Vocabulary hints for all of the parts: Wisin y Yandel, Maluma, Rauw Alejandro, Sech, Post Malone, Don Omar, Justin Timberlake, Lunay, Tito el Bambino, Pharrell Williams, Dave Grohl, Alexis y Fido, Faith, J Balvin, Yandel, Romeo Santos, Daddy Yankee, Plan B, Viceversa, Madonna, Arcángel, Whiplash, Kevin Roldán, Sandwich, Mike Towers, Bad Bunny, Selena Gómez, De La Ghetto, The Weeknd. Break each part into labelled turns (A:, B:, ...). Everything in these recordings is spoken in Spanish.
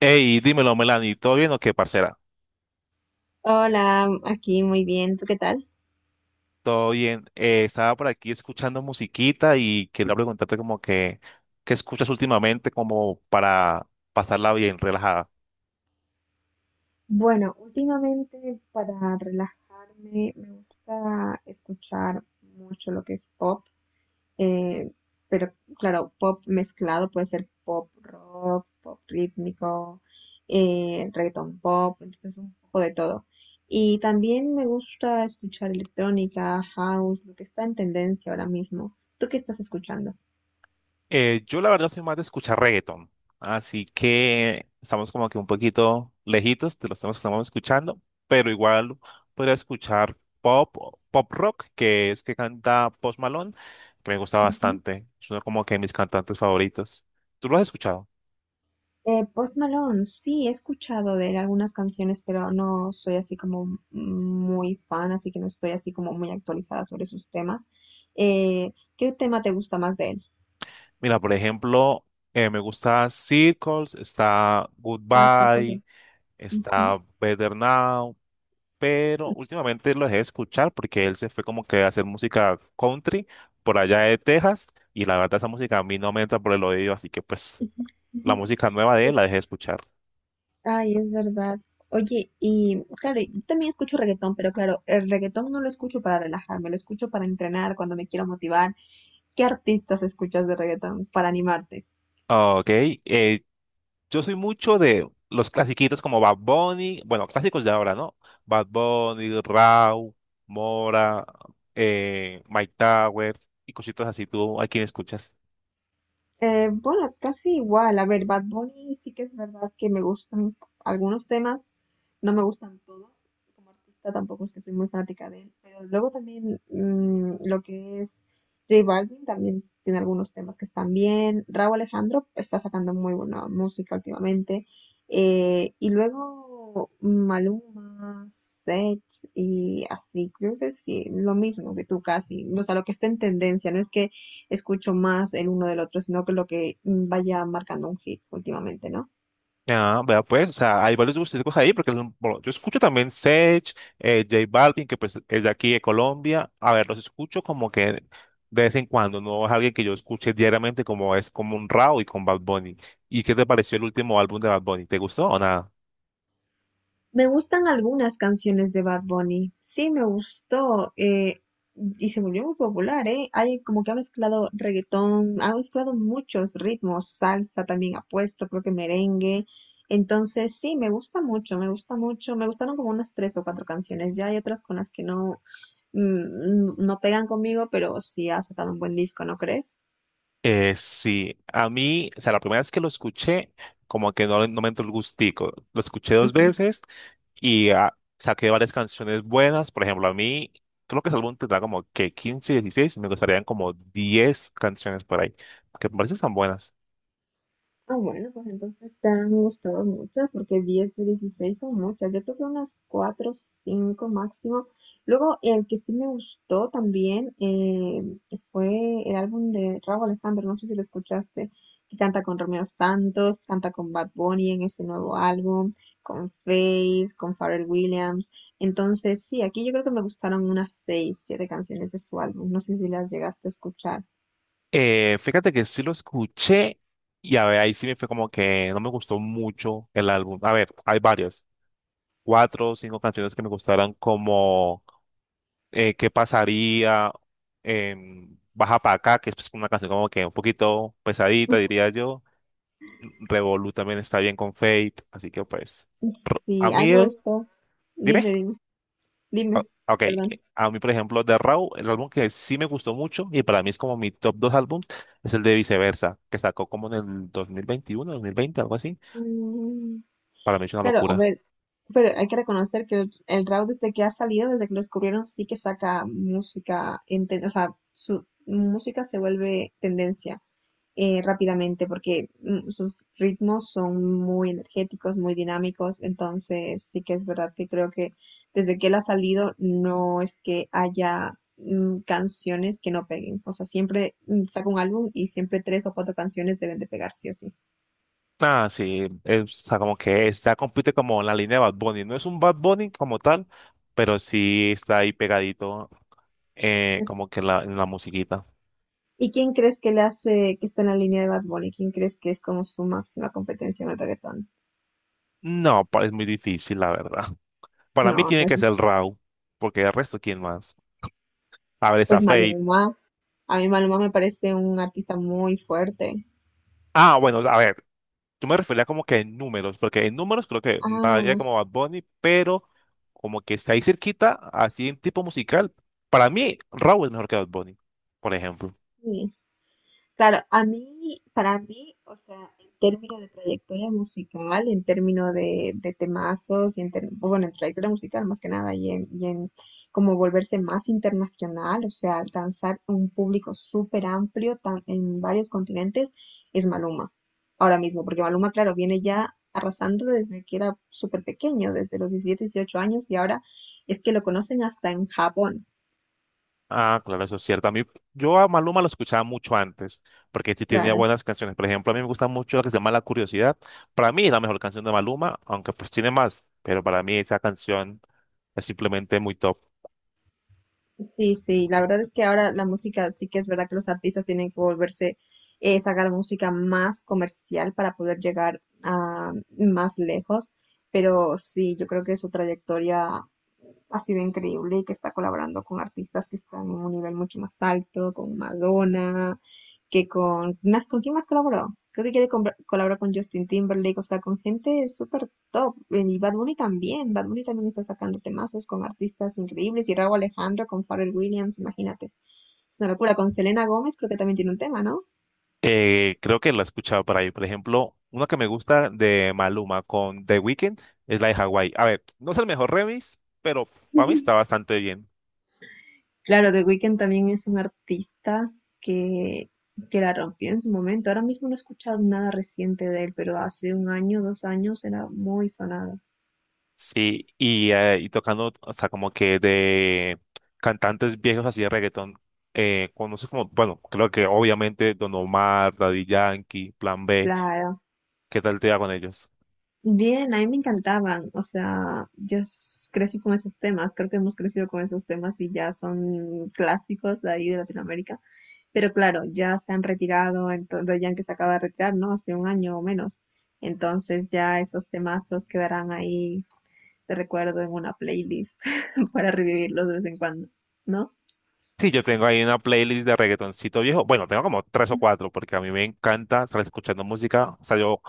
A: Hey, dímelo, Melanie, ¿todo bien o qué, parcera?
B: Hola, aquí muy bien, ¿tú qué tal?
A: Todo bien. Estaba por aquí escuchando musiquita y quería preguntarte ¿qué escuchas últimamente como para pasarla bien, relajada?
B: Bueno, últimamente para relajarme me gusta escuchar mucho lo que es pop, eh, pero claro, pop mezclado puede ser pop rock, pop rítmico, reggaeton pop, entonces un poco de todo. Y también me gusta escuchar electrónica, house, lo que está en tendencia ahora mismo. ¿Tú qué estás escuchando?
A: Yo la verdad soy más de escuchar reggaeton, así que estamos como que un poquito lejitos de los temas que estamos escuchando, pero igual podría escuchar pop, pop rock, que es que canta Post Malone, que me gusta
B: Ujú.
A: bastante. Es uno como que de mis cantantes favoritos. ¿Tú lo has escuchado?
B: Post Malone, sí, he escuchado de él algunas canciones, pero no soy así como muy fan, así que no estoy así como muy actualizada sobre sus temas. ¿Qué tema te gusta más de él?
A: Mira, por ejemplo, me gusta Circles, está
B: Hacer
A: Goodbye,
B: cosas. Ujú,
A: está Better Now, pero últimamente lo dejé de escuchar porque él se fue como que a hacer música country por allá de Texas y la verdad esa música a mí no me entra por el oído, así que pues
B: ujú, ujú.
A: la música nueva de él la
B: Es-
A: dejé de escuchar.
B: ay, es verdad. Oye, y claro, yo también escucho reggaetón, pero claro, el reggaetón no lo escucho para relajarme, lo escucho para entrenar, cuando me quiero motivar. ¿Qué artistas escuchas de reggaetón para animarte?
A: Ok, yo soy mucho de los clasiquitos como Bad Bunny, bueno, clásicos de ahora, ¿no? Bad Bunny, Rauw, Mora, Mike Towers y cositas así. ¿Tú a quién escuchas?
B: Bueno, casi igual. A ver, Bad Bunny sí que es verdad que me gustan algunos temas, no me gustan todos. Como artista tampoco es que soy muy fanática de él. Pero luego también lo que es J Balvin también tiene algunos temas que están bien. Rauw Alejandro está sacando muy buena música últimamente. Y luego Maluma, Sech y así. Creo que sí, lo mismo que tú casi. O sea, lo que está en tendencia. No es que escucho más el uno del otro, sino que lo que vaya marcando un hit últimamente, ¿no?
A: Ah, vea pues, o sea, hay varios gustos ahí, bueno, yo escucho también Sech, J Balvin, que pues es de aquí de Colombia. A ver, los escucho como que de vez en cuando, no es alguien que yo escuche diariamente como es como un Rauw y con Bad Bunny. ¿Y qué te pareció el último álbum de Bad Bunny? ¿Te gustó o nada?
B: Me gustan algunas canciones de Bad Bunny. Sí, me gustó. Y se volvió muy popular, ¿eh? Hay como que ha mezclado reggaetón, ha mezclado muchos ritmos, salsa también ha puesto, creo que merengue. Entonces, sí, me gusta mucho, me gusta mucho. Me gustaron como unas tres o cuatro canciones. Ya hay otras con las que no, mm, no pegan conmigo, pero sí ha sacado un buen disco, ¿no crees?
A: Sí, a mí, o sea, la primera vez que lo escuché, como que no, no me entró el gustico. Lo escuché dos
B: Ujú.
A: veces y saqué varias canciones buenas. Por ejemplo, a mí, creo que ese álbum tendrá como que 15, 16. Me gustarían como 10 canciones por ahí, que me parecen tan buenas.
B: Ah, bueno, pues entonces te han gustado muchas, porque 10 de 16 son muchas. Yo creo que unas 4, 5 máximo. Luego, el que sí me gustó también fue el álbum de Rauw Alejandro, no sé si lo escuchaste, que canta con Romeo Santos, canta con Bad Bunny en este nuevo álbum, con Faith, con Pharrell Williams. Entonces, sí, aquí yo creo que me gustaron unas 6, 7 canciones de su álbum. No sé si las llegaste a escuchar.
A: Fíjate que sí lo escuché y a ver, ahí sí me fue como que no me gustó mucho el álbum. A ver, hay varias, cuatro o cinco canciones que me gustaron como ¿qué pasaría? Baja para acá, que es pues, una canción como que un poquito pesadita, diría yo. Revolu también está bien con Fate, así que pues, a
B: Sí, a mí
A: mí,
B: me gustó.
A: dime,
B: Dime, dime.
A: ah,
B: Dime,
A: ok,
B: perdón.
A: a mí por ejemplo, de Raw, el álbum que sí me gustó mucho y para mí es como mi top dos álbums, es el de Viceversa, que sacó como en el 2021 2020 algo así,
B: Mm,
A: para mí es una
B: claro, a
A: locura.
B: ver, pero hay que reconocer que el Raw desde que ha salido, desde que lo descubrieron, sí que saca música, o sea, su música se vuelve tendencia rápidamente porque sus ritmos son muy energéticos, muy dinámicos, entonces sí que es verdad que creo que desde que él ha salido no es que haya canciones que no peguen, o sea, siempre saca un álbum y siempre tres o cuatro canciones deben de pegar sí o sí.
A: Ah, sí, es, o sea, como que ya compite como en la línea de Bad Bunny, no es un Bad Bunny como tal, pero sí está ahí pegadito en la musiquita.
B: ¿Y quién crees que le hace, que está en la línea de Bad Bunny? ¿Quién crees que es como su máxima competencia en el reggaetón?
A: No, es muy difícil, la verdad. Para mí
B: No,
A: tiene
B: no es,
A: que ser Raw, porque el resto, ¿quién más? A ver, está
B: pues
A: Fate.
B: Maluma. A mí Maluma me parece un artista muy fuerte.
A: Ah, bueno, a ver, yo me refería como que en números, porque en números creo que nadie
B: Ah,
A: como Bad Bunny, pero como que está ahí cerquita, así en tipo musical. Para mí, Raw es mejor que Bad Bunny, por ejemplo.
B: sí. Claro, a mí, para mí, o sea, en términos de, trayectoria musical, en términos de temazos, bueno, en trayectoria musical más que nada, y en como volverse más internacional, o sea, alcanzar un público súper amplio en varios continentes, es Maluma, ahora mismo, porque Maluma, claro, viene ya arrasando desde que era súper pequeño, desde los 17, 18 años, y ahora es que lo conocen hasta en Japón,
A: Ah, claro, eso es cierto. A mí, yo a Maluma lo escuchaba mucho antes, porque sí tenía
B: claro.
A: buenas canciones. Por ejemplo, a mí me gusta mucho la que se llama La Curiosidad. Para mí es la mejor canción de Maluma, aunque pues tiene más, pero para mí esa canción es simplemente muy top.
B: Sí, sí, la verdad es que ahora la música, sí que es verdad que los artistas tienen que volverse, sacar música más comercial para poder llegar a más lejos, pero sí, yo creo que su trayectoria ha sido increíble y que está colaborando con artistas que están en un nivel mucho más alto, con Madonna, Más, ¿con quién más colaboró? Creo que quiere colaborar con Justin Timberlake, o sea, con gente súper top. Y Bad Bunny también está sacando temazos con artistas increíbles. Y Rauw Alejandro con Pharrell Williams, imagínate. Es una locura. Con Selena Gómez creo que también tiene un tema, ¿no?
A: Creo que la he escuchado por ahí. Por ejemplo, una que me gusta de Maluma con The Weeknd es la de Hawaii. A ver, no es el mejor remix, pero para mí está bastante bien.
B: Claro, The Weeknd también es un artista que, que la rompió en su momento. Ahora mismo no he escuchado nada reciente de él, pero hace un año, 2 años era muy sonado.
A: Sí, y, tocando, o sea, como que de cantantes viejos así de reggaetón, conoces como, bueno, creo que obviamente Don Omar, Daddy Yankee, Plan B,
B: Claro.
A: ¿qué tal te va con ellos?
B: Bien, a mí me encantaban. O sea, crecí con esos temas. Creo que hemos crecido con esos temas y ya son clásicos de ahí de Latinoamérica. Pero claro, ya se han retirado, entonces ya que se acaba de retirar, ¿no? Hace un año o menos. Entonces ya esos temazos quedarán ahí te recuerdo en una playlist para revivirlos de vez en cuando, ¿no?
A: Sí, yo tengo ahí una playlist de reggaetoncito viejo, bueno, tengo como tres o cuatro, porque a mí me encanta estar escuchando música, o sea, yo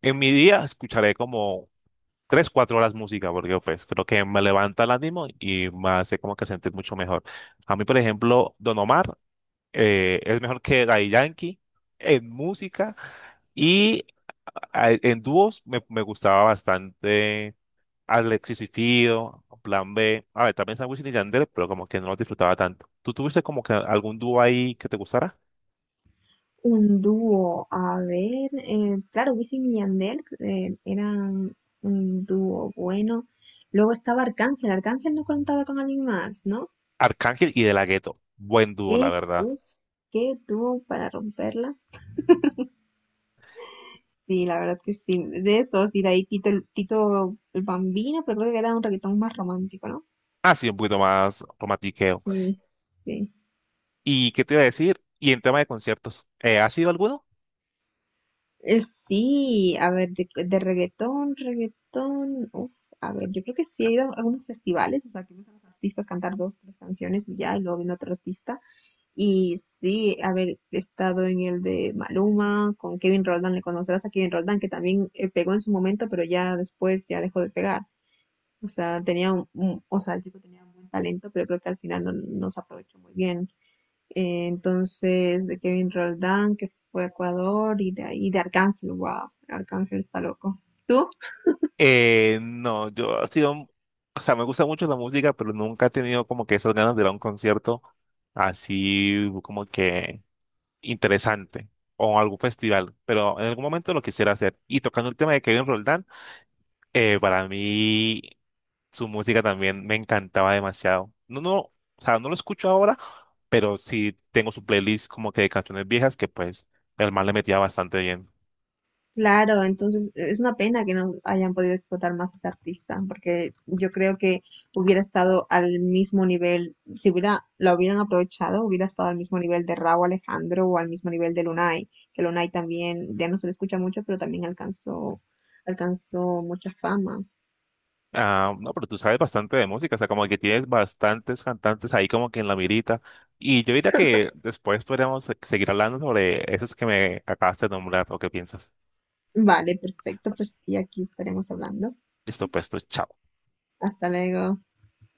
A: en mi día escucharé como tres, cuatro horas música, porque pues creo que me levanta el ánimo y me hace como que sentir mucho mejor. A mí, por ejemplo, Don Omar. Es mejor que Daddy Yankee en música y en dúos me gustaba bastante Alexis y Fido, Plan B, a ver, también Sandwich y Yandel, pero como que no los disfrutaba tanto. ¿Tú tuviste como que algún dúo ahí que te gustara?
B: Un dúo, a ver, claro, Wisin y Yandel eran un dúo bueno. Luego estaba Arcángel, Arcángel no contaba con alguien más, ¿no?
A: Arcángel y De La Ghetto, buen dúo, la
B: Es,
A: verdad.
B: uff, qué dúo para romperla. Sí, la verdad que sí, de esos, y de ahí Tito, Tito el Bambino, pero creo que era un reggaetón más romántico, ¿no?
A: Así un poquito más romantiqueo.
B: Sí, sí.
A: ¿Y qué te iba a decir? ¿Y en tema de conciertos, has ido a alguno?
B: Sí, a ver, de reggaetón, reggaetón, uf, a ver, yo creo que sí he ido a algunos festivales, o sea, que ves a los artistas cantar dos, tres canciones y ya, y luego viene otro artista. Y sí, a ver, he estado en el de Maluma, con Kevin Roldán, le conocerás a Kevin Roldán, que también pegó en su momento, pero ya después ya dejó de pegar. O sea, tenía o sea, el chico tenía un buen talento, pero creo que al final no se aprovechó muy bien entonces de Kevin Roldán, que fue a Ecuador, y de, Arcángel, wow, Arcángel está loco. ¿Tú?
A: No, yo ha sido, un- o sea, me gusta mucho la música, pero nunca he tenido como que esas ganas de ir a un concierto así como que interesante o algún festival, pero en algún momento lo quisiera hacer. Y tocando el tema de Kevin Roldán, para mí su música también me encantaba demasiado. No, no, o sea, no lo escucho ahora, pero sí tengo su playlist como que de canciones viejas que pues el man le metía bastante bien.
B: Claro, entonces es una pena que no hayan podido explotar más a ese artista, porque yo creo que hubiera estado al mismo nivel, si hubiera, la hubieran aprovechado, hubiera estado al mismo nivel de Rauw Alejandro o al mismo nivel de Lunay, que Lunay también, ya no se le escucha mucho, pero también alcanzó, alcanzó mucha fama.
A: Ah, no, pero tú sabes bastante de música, o sea, como que tienes bastantes cantantes ahí como que en la mirita. Y yo diría que después podríamos seguir hablando sobre esos que me acabaste de nombrar o qué piensas.
B: Vale, perfecto, pues y aquí estaremos hablando.
A: Listo, pues, tú, chao.
B: Hasta luego.